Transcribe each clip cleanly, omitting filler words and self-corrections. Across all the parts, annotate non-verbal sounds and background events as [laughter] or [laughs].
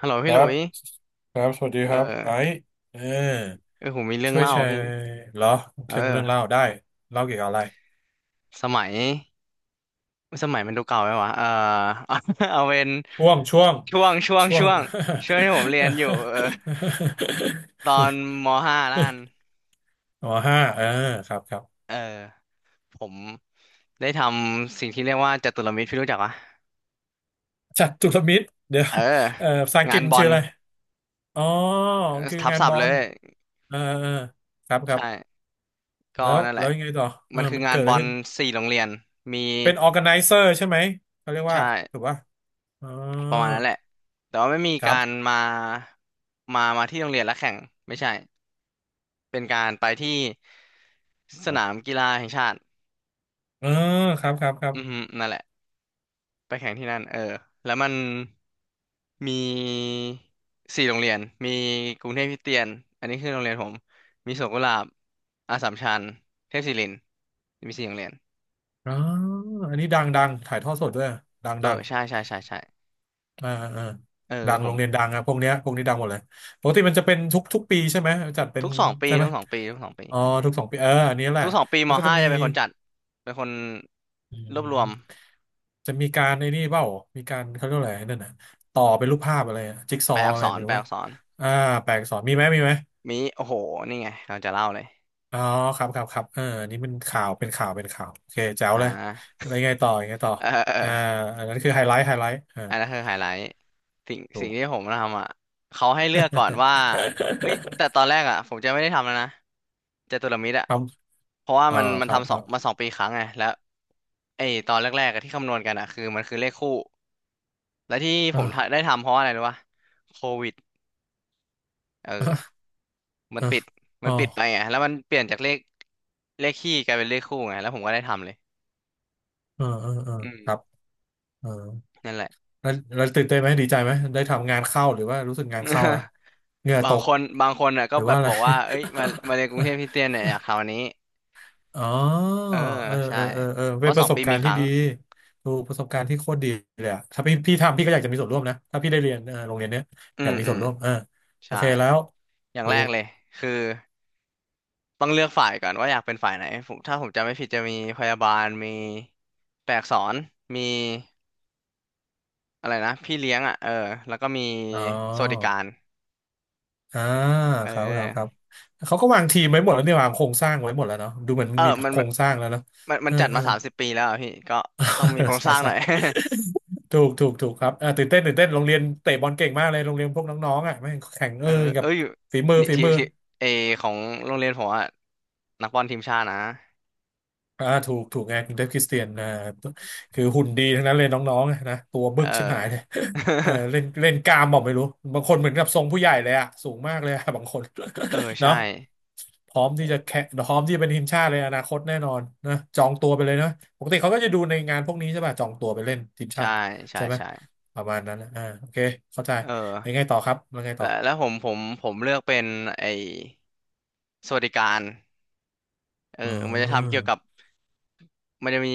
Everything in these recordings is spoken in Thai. ฮัลโหลคพี่หรัลุบยครับสวัสดีเอคอรับไอซ์เออเออผมมีเรื่องช่วยเล่าแชพี่ร์เหรอเคเอรื่องเรื่องเล่าอได้เล่าเกี่ยวกับอะไรสมัย สมัยมันดูเก่าไหมวะ เออเอา [laughs] เอาเป็นช่วงช่วงช่วช่ง วงช่วงที่ผมเรียนอยู่เออตอนมห้าแล้วกัน [laughs] อ๋อห้าเออครับครับเออ ผมได้ทำสิ่งที่เรียกว่าจตุรมิตรพี่รู้จักปะจัตุรมิตรเดี๋ยวเออ เออภาษาอังกงาฤษนมันบอชื่อลอะไรอ๋อเออคือทับงานศับพอท์เลลย เออเออครับครับใช่ ก็แล้วนั่นแหแล้ละ วยังไงต่อเอมัอนคือมันงาเกินดอะบไรอลขึ้น4 โรงเรียน มีเป็น organizer ใช่ไหมเขาเรียกใช่ ว่าถูกป่ะอ๋อประมาณนั้นแหละแต่ว่าไม่มีครัการบมามาที่โรงเรียนแล้วแข่งไม่ใช่เป็นการไปที่สนามกีฬาแห่งชาติเออครับครับครับ อือฮึนั่นแหละไปแข่งที่นั่นเออแล้วมันมีสี่โรงเรียน มีกรุงเทพคริสเตียนอันนี้คือโรงเรียนผมมีสวนกุหลาบอัสสัมชัญเทพศิรินทร์มีสี่โรงเรียนอ๋ออันนี้ดังดังถ่ายทอดสดด้วยดังเออดังใช่ใช่ใช่ใช่อ่าอ่าเออดังผโรมงเรียนดังอะพวกเนี้ยพวกนี้ดังหมดเลยปกติมันจะเป็นทุกทุกปีใช่ไหมจัดเป็นใช่ไหมทุกสองปีอ๋อทุกสองปีเอออันนี้แหละทุกสองปีมัมนก็จะห้ามีจะเป็นคนจัดเป็นคนอืรวบรวม มจะมีการไอ้นี่เปล่ามีการเขาเรียกว่าอะไรนั่นน่ะต่อเป็นรูปภาพอะไรอะจิ๊กซอว์อะไรไม่แปรู้ลว่าอักษรอ่าแปลอักษรมีไหมมีไหมมิโอ้โหนี่ไงเราจะเล่าเลยอ๋อครับครับครับเอออันนี้มันข่าวเป็นข่าวเป็นข่าวโอเคแจ๋วอ่เลยาอะไรไงต่อยังไงต่อเออเอออ่าอันนั้นคือไฮไลท์ไฮไลท์อ่าอันนั้นคือไฮไลท์ถูสิ่งก ที่ผมทำอ่ะเขาให้เลือกก่อนว่าเอ้ยแต่ [laughs] ตอนแรกอ่ะผมจะไม่ได้ทำแล้วนะจตุรมิตรอ่ะครับเพราะว่าเออมัคนรับ ทำคสอรังบมาสองปีครั้งไงแล้วไอ้ตอนแรกๆอะที่คำนวณกันอ่ะคือมันคือเลขคู่และที่ผมอ่าได้ทำเพราะอะไรรู้ป่ะโควิดเออมันอ่าปิดมัอ่าอ๋อนปิดไปไงแล้วมันเปลี่ยนจากเลขเลขคี่กลายเป็นเลขคู่ไงแล้วผมก็ได้ทำเลยเออเออเอออืม ครับเออนั่นแหละ แล้วตื่นเต้นไหม ดีใจไหมได้ทำงานเข้าหรือว่ารู้สึกงานเข้าแล้ว [laughs] เหงื่อตก บางคนอ่ะหก็รือแบว่าบอะบไร อกว่าเอ้ยมามาเรียนกรุงเทพคริสเตียนเนี่ยอยากคราวนี้ [laughs] อ๋อเออเออใช่เออเออเออเพเป็นราะปสอระงสบปีกามีรณ์คที่รั้ง ดีดูประสบการณ์ที่โคตรดีเลยอะถ้าพี่ทำพี่ก็อยากจะมีส่วนร่วมนะถ้าพี่ได้เรียนเออโรงเรียนเนี้ย อือยามกมีอืส่วมนร่วมเออโอใช่เคแล้วอย่างถูแรกกเลยคือต้องเลือกฝ่ายก่อนว่าอยากเป็นฝ่ายไหนผมถ้าผมจำไม่ผิดจะมีพยาบาลมีแปลอักษรมีอะไรนะพี่เลี้ยงอ่ะเออแล้วก็มีอ๋อ สวัสดิการ อ่าเอครับครับครับอเขาก็วางทีมไว้หมดแล้วเนี่ยวางโครงสร้างไว้หมดแล้วเนาะดูเหมือนเอมัอนมีโครงสร้างแล้วเนอะมัเอนอจัดเอมาอ 30 ปีแล้วอะพี่ก็ต้องมีโคร [laughs] งสใช่ร้างหใช่น่อย [laughs] ถูกถูกถูกครับอ่าตื่นเต้นตื่นเต้นโรงเรียนเตะบอลเก่งมากเลยโรงเรียนพวกน้องๆอ่ะแม่งแข่งเอเอออกัเอ้บยฝีมือนี่ฝีมือ ทีมเอของโรงเรียนผมอะนักบอลทีมชาตินะอ่าถูกถูกไงครุงเดฟคริสเตียนอ่าคือหุ่นดีทั้งนั้นเลยน้องๆอะนะตัวเอบึอ กชิบหายเลย [laughs] เออ [laughs] เล่นเล่นกล้ามบอกไม่รู้บางคนเหมือนกับทรงผู้ใหญ่เลยอะสูงมากเลยอะ [laughs] บางคน เออ [laughs] ใช่เนาะพร้อมที่จะโหแข่งพร้อมที่จะเป็นทีมชาติเลยอนาคตแน่นอนนะจองตัวไปเลยนะปกติเขาก็จะดูในงานพวกนี้ใช่ป่ะจองตัวไปเล่นทีมชาใช่ติใช่ใช่ไหมใช่ประมาณนั้นนะอ่าโอเคเข้าใจเออแล้วไงต่อครับแล้วไงต่แล้อวแล้วผมเลือกเป็นไอ้สวัสดิการเอออ๋มันจะทำอเกี่ยวกับมันจะมี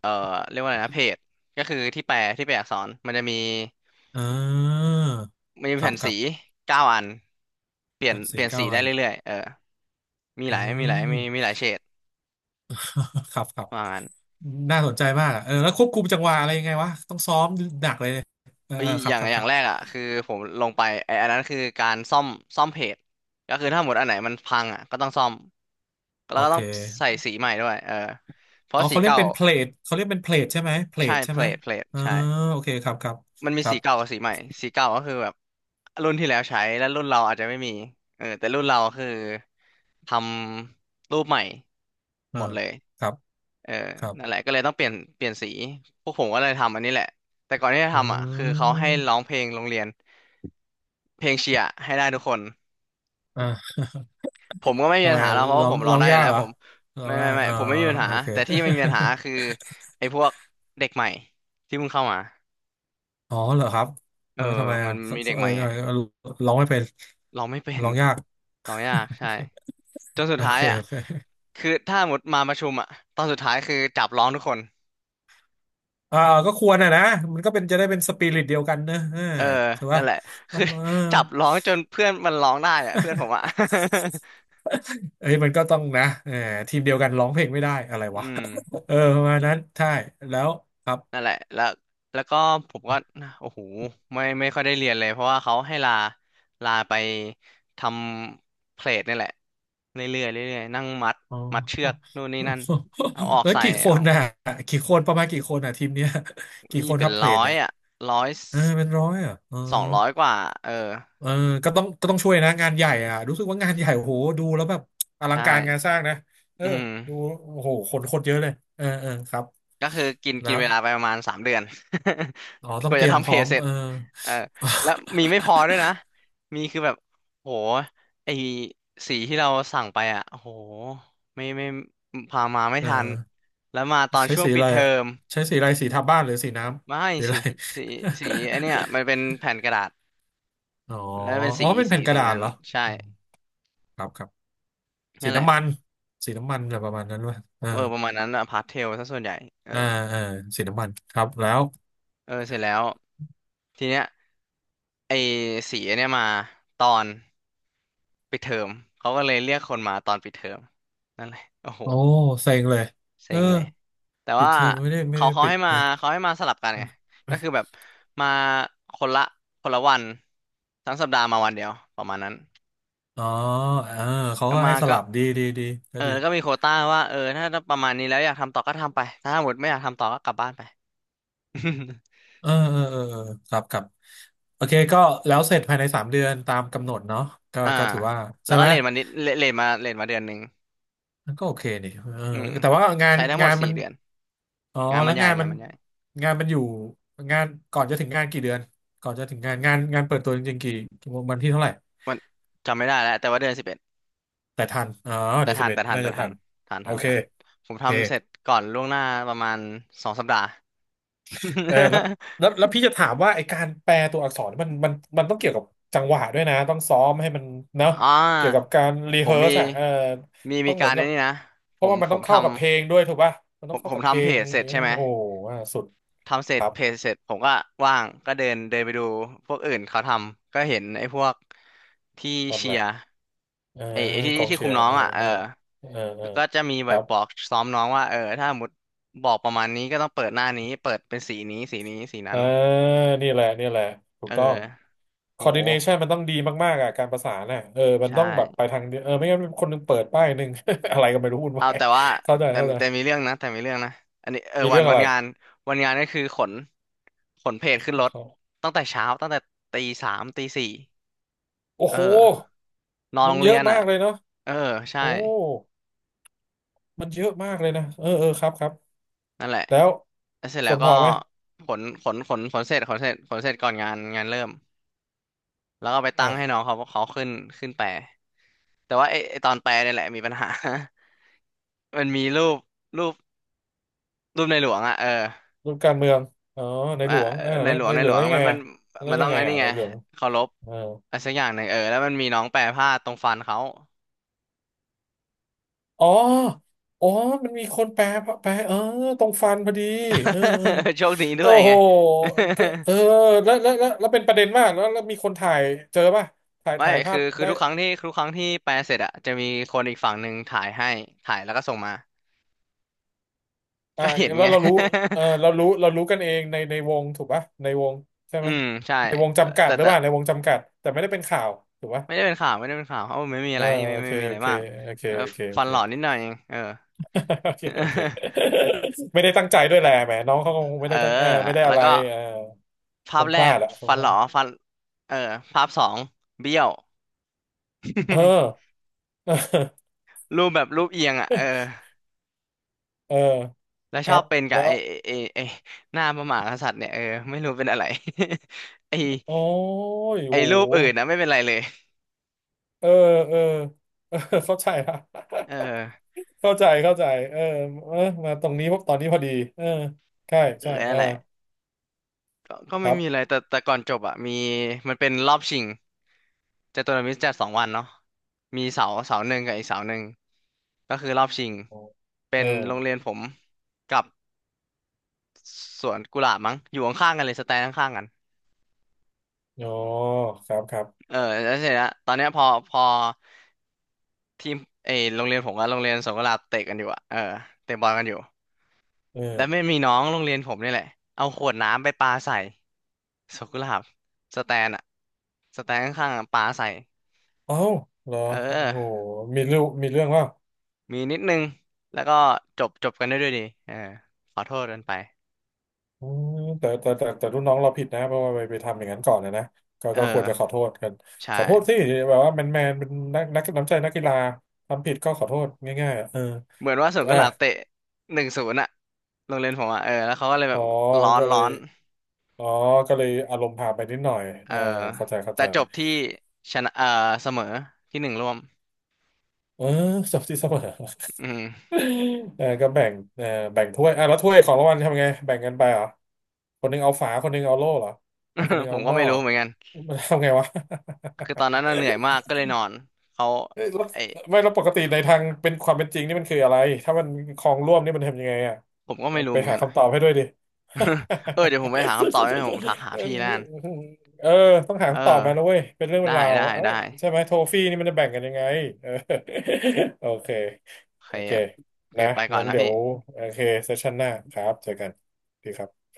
เอ่อเรียกว่าอะไรนะเพจก็คือที่แปลอักษรมันจะมีอ่ามันจะมีครัแผ่บนคสีรับ9 อันกันเปสี่ลี่ยนสีเก้าได้อันเรื่อยๆเออมีหอืลายมีม หลายเฉด [laughs] ครับครับ ว่างั้น น่าสนใจมากอะเออแล้วควบคุมจังหวะอะไรยังไงวะ ต้องซ้อมหนักเลยเออเอ้เอยอครับครับอคย่างรับ แรกอ่ะคือผมลงไปไอ้อันนั้นคือการซ่อมเพจก็คือถ้าหมดอันไหนมันพังอ่ะก็ต้องซ่อมแล้โอวก็เคต้องใส่สีใหม่ด้วยเออเพอ๋ราะอสีเขาเรียกเก่าเป็นเพลทเขาเรียกเป็นเพลทใช่ไหมเพลใช่ทใช่ไหมเพลทเออใช่โอเคครับครับมันมีครัสีบเก่ากับสีใหม่สีเก่าก็คือแบบรุ่นที่แล้วใช้แล้วรุ่นเราอาจจะไม่มีเออแต่รุ่นเราคือทำรูปใหม่เอหอมดเลยครับเออครับ นั่นแหละก็เลยต้องเปลี่ยนสีพวกผมก็เลยทำอันนี้แหละแต่ก่อนที่จะอืทำอ่ะคือเขาให้ร้อมงเพลงโรงเรียน เพลงเชียร์ให้ได้ทุกคนอ่าผมก็ไม่มีทำปัไมญหาอะแล้วเพราะร้ว่าอผงมร้อร้งองได้อยู่ยากแล้วเหรอผมร้อไม่งได้ไม่ไม่อ่าผมไม่มีปัญหาโอเค แต่ที่ไม่มีปัญหาคือไอ้พวกเด็กใหม่ที่เพิ่งเข้ามา [laughs] อ๋อเหรอครับเอเอออทำไมมัอ่ะนเขามีเด็เขากเอใหอม่เอไงอเออร้องไม่เป็นร้องไม่เป็นร้องยาก ร้องยากใช่จนสุดโอท้าเคยอ่ะโอเคโอเค คือถ้าหมดมาประชุมอ่ะตอนสุดท้ายคือจับร้องทุกคนอ่าก็ควรอ่ะนะมันก็เป็นจะได้เป็นสปิริตเดียวกันเนอะอ่าเออใช่นั่ปะนแหละเอคือ [laughs] จับอร้องจนเพื่อนมันร้องได้อ่ะเพื่อนผมอ่ะ เอ้ยมันก็ต้องนะเออทีมเดียวกันร้องเพลงไม่ได้อะไร [laughs] อืวะ ม [laughs] เออประมาณนั้นใช่แล้วครับ นั่นแหละแล้วแล้วก็ผมก็โอ้โหไม่ไม่ค่อยได้เรียนเลยเพราะว่าเขาให้ลาไปทำเพลทนี่แหละเรื่อยๆเรื่อยๆนั่งมัด [laughs] อ๋อมัดเชือกนู่นนี่นั่นเอาออกแล้วใส่กี่คเอานออกน่ะมากี่คนประมาณกี่คนน่ะทีมเนี้ยกี่มีคนเป็คนรับเพลร้นอยเนี่ยอ่ะร้อยเออเป็นร้อยอ่ะเออ200 กว่าเออเออก็ต้องก็ต้องช่วยนะงานใหญ่อ่ะรู้สึกว่างานใหญ่โอ้โหดูแล้วแบบอลังใช่การงานสร้างนะเออือม ดูโอ้โหคนคนเยอะเลยเออเออครับก็คือกินกินนะ เวลาไปประมาณ3 เดือน อ๋อ [laughs] ต้กองว่าเตจะรียมทำพเพร้อจมเสร็เอจอเออแล้วมีไม่พอด้วยนะมีคือแบบโหไอสีที่เราสั่งไปอ่ะโหไม่พามาไม่เอทันอแล้วมาตอนใช้ช่วงสีปิอะดไรเทออะมใช้สีอะไรสีทาบ้านหรือสีน้ไม่ำสีอะไร [laughs] สีสีไอเนี้ยมันเป็นแผ่นกระดาษอ๋อแล้วเป็นอ๋อเป็นแผ่นกระสีดาษนั้นเหรอใช่อืมครับครับสีนั่นแหละน้ำมันสีน้ำมันอะไรประมาณนั้นวะอ่าเออประมาณนั้นอะพาสเทลซะส่วนใหญ่เออ่าออ่าสีน้ำมันครับแล้วเออเสร็จแล้วทีเนี้ยไอสีเนี่ยมาตอน ปิดเทอมเขาก็เลยเรียกคนมาตอนปิดเทอมนั่นแหละโอ้โหโอ้เซ็งเลยเอเซ็องเลยแต่ปิดว่าเทอมไม่ได้ไม่เขาได้เขาปิให้ดมานะ สลับกันไงก็คือแบบมาคนละคนละวันทั้งสัปดาห์มาวันเดียวประมาณนั้น [laughs] อ๋อเออเขาก็ก็ให้มาสก็ลับดีดีดีก็เออดี แล้วก็มีโควต้าว่าเออถ้าประมาณนี้แล้วอยากทำต่อก็ทำไปถ้าหมดไม่อยากทำต่อก็กลับบ้านไป เออเออเออเออครับครับโอเคก็แล้วเสร็จภายใน3 เดือนตามกำหนดเนาะก็ [laughs] อ่าก็ถือว่าแล้ใช่วก็ไหมเลทมานิดเลทมาเดือนหนึ่งมันก็โอเคนี่เอออืมแต่ว่างานใช้ทั้งหมงาดนสี่มันเดือนอ๋อแล้วงานงามันนมันใหญ่งานมันอยู่งานก่อนจะถึงงานกี่เดือนก่อนจะถึงงานเปิดตัวจริงๆกี่วันที่เท่าไหร่วันจำไม่ได้แล้วแต่ว่าเดือนสิบ แต่ทันอ๋อเดือนสิบเอ็ดน่าแต่จะทัทันนโอเคทันผมโอเค ทำเสร็จก่อนล่วงหน้าประมาณสองสัปดาห์ เออแล้วพี่จะถามว่าไอการแปลตัวอักษรมันต้องเกี่ยวกับจังหวะด้วยนะต้องซ้อมให้มันเนาะ [laughs] อ่เกี่ยวกับาการรีผเฮิมร์สมีอ่ะเออต้มีองเหกามือรนในกับนี้นะ เพผราะมว่ามันผต้อมงทเข้ากับเพลงด้ำวยถูกป่ะมันผต้องมผเข้ามกับเพลทำเพงจเสร็เอจอใช่ไหมโอ้โหว่าสุดทำเสร็คจรับเพจเสร็จผมก็ว่างก็เดินเดินไปดูพวกอื่นเขาทำก็เห็นไอ้พวกที่ทำเชีอะไรยร์เออไอ้ที่กองเชีคุยมร์น้อเองออ่ะเออเออเออเออก็จะมีคแบรับบบอกซ้อมน้องว่าเออถ้าสมมติบอกประมาณนี้ก็ต้องเปิดหน้านี้เปิดเป็นสีนี้สีนี้สีเอนั้อน นี่แหละนี่แหละถูเอกอต้อง โห coordination มันต้องดีมากๆอ่ะการประสานน่ะเออมันใช่ต้องแบบไปทางเดียวเออไม่งั้นคนหนึงเปิดป้ายหนึ่ง [laughs] อะไรก็ไม่รู้วุ่นเอาวายแต่ว่าเข้าใจแต่เข้าใจ แต่มีเรื่องนะแต่มีเรื่องนะอันนี้เออมีเรื่องวัอะนไรงานวันงานก็คือขนเพจขึ้พนรวกถเขาตั้งแต่เช้าตั้งแต่ตีสามตีสี่โอ้เออโหนอนมัโรนงเยเรียอะนมาอ่ะกเลยเนาะเออใช่โอ้มันเยอะมากเลยนะเออเออครับครับนั่นแหละแล้วแล้วเสร็จคแล้วนพก็อไหมขนเสร็จขนเสร็จก่อนงานเริ่มแล้วก็ไปตั้งให้น้ออ่ะงเขาขึ้นแปลแต่ว่าไอไอตอนแปลเนี่ยแหละมีปัญหา [laughs] มันมีรูปรูปรูปในหลวงอ่ะเออ รูปการเมืองอ๋อในหอ่ะลวงเออในแล้วหลวงในในหลหลวงวแล้วงยังมัไงนมันอ่ะแล้มัวนต้ยัองงไงอันนี้อ่ะในไงหลวงเคารพเอออะไรสักอย่างหนึ่งเออแล้วมันมีน้องแปรผ้าตรงฟันเขา อ๋ออ๋อมันมีคนแปลแปลเออตรงฟันพอดีเออเออ [laughs] โชคดีด้โอ้วยโหไง ก็เออแล้วเป็นประเด็นมากแล้วแล้วมีคนถ่ายเจอป่ะถ่า [laughs] ยไม่ถ่ายภาคือพคือได้ ทุกครั้งที่แปลเสร็จอะจะมีคนอีกฝั่งหนึ่งถ่ายให้ถ่ายแล้วก็ส่งมาอ่าก็เห็นแล้ไง วเรารู้เออเรารู้เรารู้กันเองในในวงถูกปะในวงใช่ [laughs] อืไหมมใช่ในวงจำกัดแต่หรือแต่เปล่าในวงจำกัดแต่ไม่ได้เป็นข่าวถูกปะไม่ได้เป็นข่าวไม่ได้เป็นข่าวเพราะว่าไม่มีเออะอไรไม่โอไม่เคไมมีอะโอไรเคมากโอเคเออโอเคโอฟันเค หล่อนิดหน่อยเองเออ [laughs] โอเคโอเค [laughs] [laughs] ไม่ได้ตั้งใจด้วยแหละแหมน้องเขาคงไม่เออได้ตั้งเออไม่ได้แล้อะวไรก็เออคภาพงพแรลากดอะคงฟันพหลาล่อดฟันเออภาพสองเบี้ยว เออ [laughs] รูปแบบรูปเอียงอ่ะเออ [laughs] เออแล้วคชรัอบบเป็นกับแล้วไอ้หน้าพระมหากษัตริย์เนี่ยเออไม่รู้เป็นอะไร [laughs] ไอ้โอ้ยไอ้โหรูปอื่นนะไม่เป็นไรเลยเออเออเออ [laughs] เข้าใจละ เออเข้าใจเข้าใจเออเออมาตรงนี้พวกตอนนี้พอดีเออใช่เออใช่เอนั่นอแหละก็คไม่รัมีอะไรบแต่ก่อนจบอ่ะมีมันเป็นรอบชิงจตุรมิตรจัดสองวันเนาะมีเสาหนึ่งกับอีกเสาหนึ่งก็คือรอบชิงโอ้เป็เออนโรงเรียนผมกับสวนกุหลาบมั้งอยู่ข้างๆกันเลยสแตนข้างๆกันอ๋อครับครับเออแล้วเสร็จแล้วตอนเนี้ยพอ ทีมเออโรงเรียนผมกับโรงเรียนสวนกุหลาบเตะกันอยู่อะเออเตะบอลกันอยู่เออแล้วไม่มีน้องโรงเรียนผมนี่แหละเอาขวดน้ำไปปาใส่สวนกุหลาบสแตนอะสแตนข้างๆอะปาใส่เอ้าเหรอเอโอ้โหอมีเรื่องมีเรื่องว่ามีนิดนึงแล้วก็จบกันได้ด้วยดีเออขอโทษกันไปอืมแต่รุ่นน้องเราผิดนะเพราะว่าไปทำอย่างนั้นก่อนนะนะก็เอก็ควรจะขออโทษกันใช่ขอโทษสิแบบว่าแมนแมนเป็นนักนักน้ำใจนักกีฬาทำผิดก็ขอโทษง่ายๆอะเออเหมือนว่าสวนกุอ่ะหลาบเตะหนึ่งศูนย์อะโรงเรียนผมอะเออแล้วเขาก็เลยแบอ๋บอก็เลร้อยนอ๋อก็เลยอารมณ์พาไปนิดหน่อยเอเอออเข้าใจเข้าแต่ใจจบที่ชนะเออเสมอที่หนึ่งร่วมเออจบ [laughs] ที่เสมอ อืม [laughs] เออก็แบ่งเออแบ่งถ้วยอ่ะแล้วถ้วยของรางวัลทำไงแบ่งกันไปเหรอคนหนึงเอาฝาคนหนึงเอาโล่เหรอแล้วคนหนึ [laughs] งผเอามก็หม้อไม่รู้เหมือนกัน มันทำไงวะ [laughs] คือตอนนั้นน่ะเหนื่อยมากก็เลยนอนเขาเอ้ยแล้วไอไม่แล้วปกติในทางเป็นความเป็นจริงนี่มันคืออะไรถ้ามันคลองร่วมนี่มันทำยังไงอ่ะผมก็ไม่รู้ไปเหมือนหากันอ่ะ คำตอบให้ด้วยดิ [laughs] เออเดี๋ยวผมไปหาคำตอบให้ผมทักหา [laughs] เอพี่นั่นอเออต้องหาเอคำตอบมานะอเว้ยเป็นเรื่องเป็ได้นราวได้เอ้ได้ยใช่ไหมโทฟี่นี่มันจะแบ่งกันยังไงเออ [laughs] โอเค โอเคโอเค โอเคนะ ไปก่อนงั้นนะเดี๋ยพี่ว โอเคเซสชันหน้าครับเจอกันดีครับ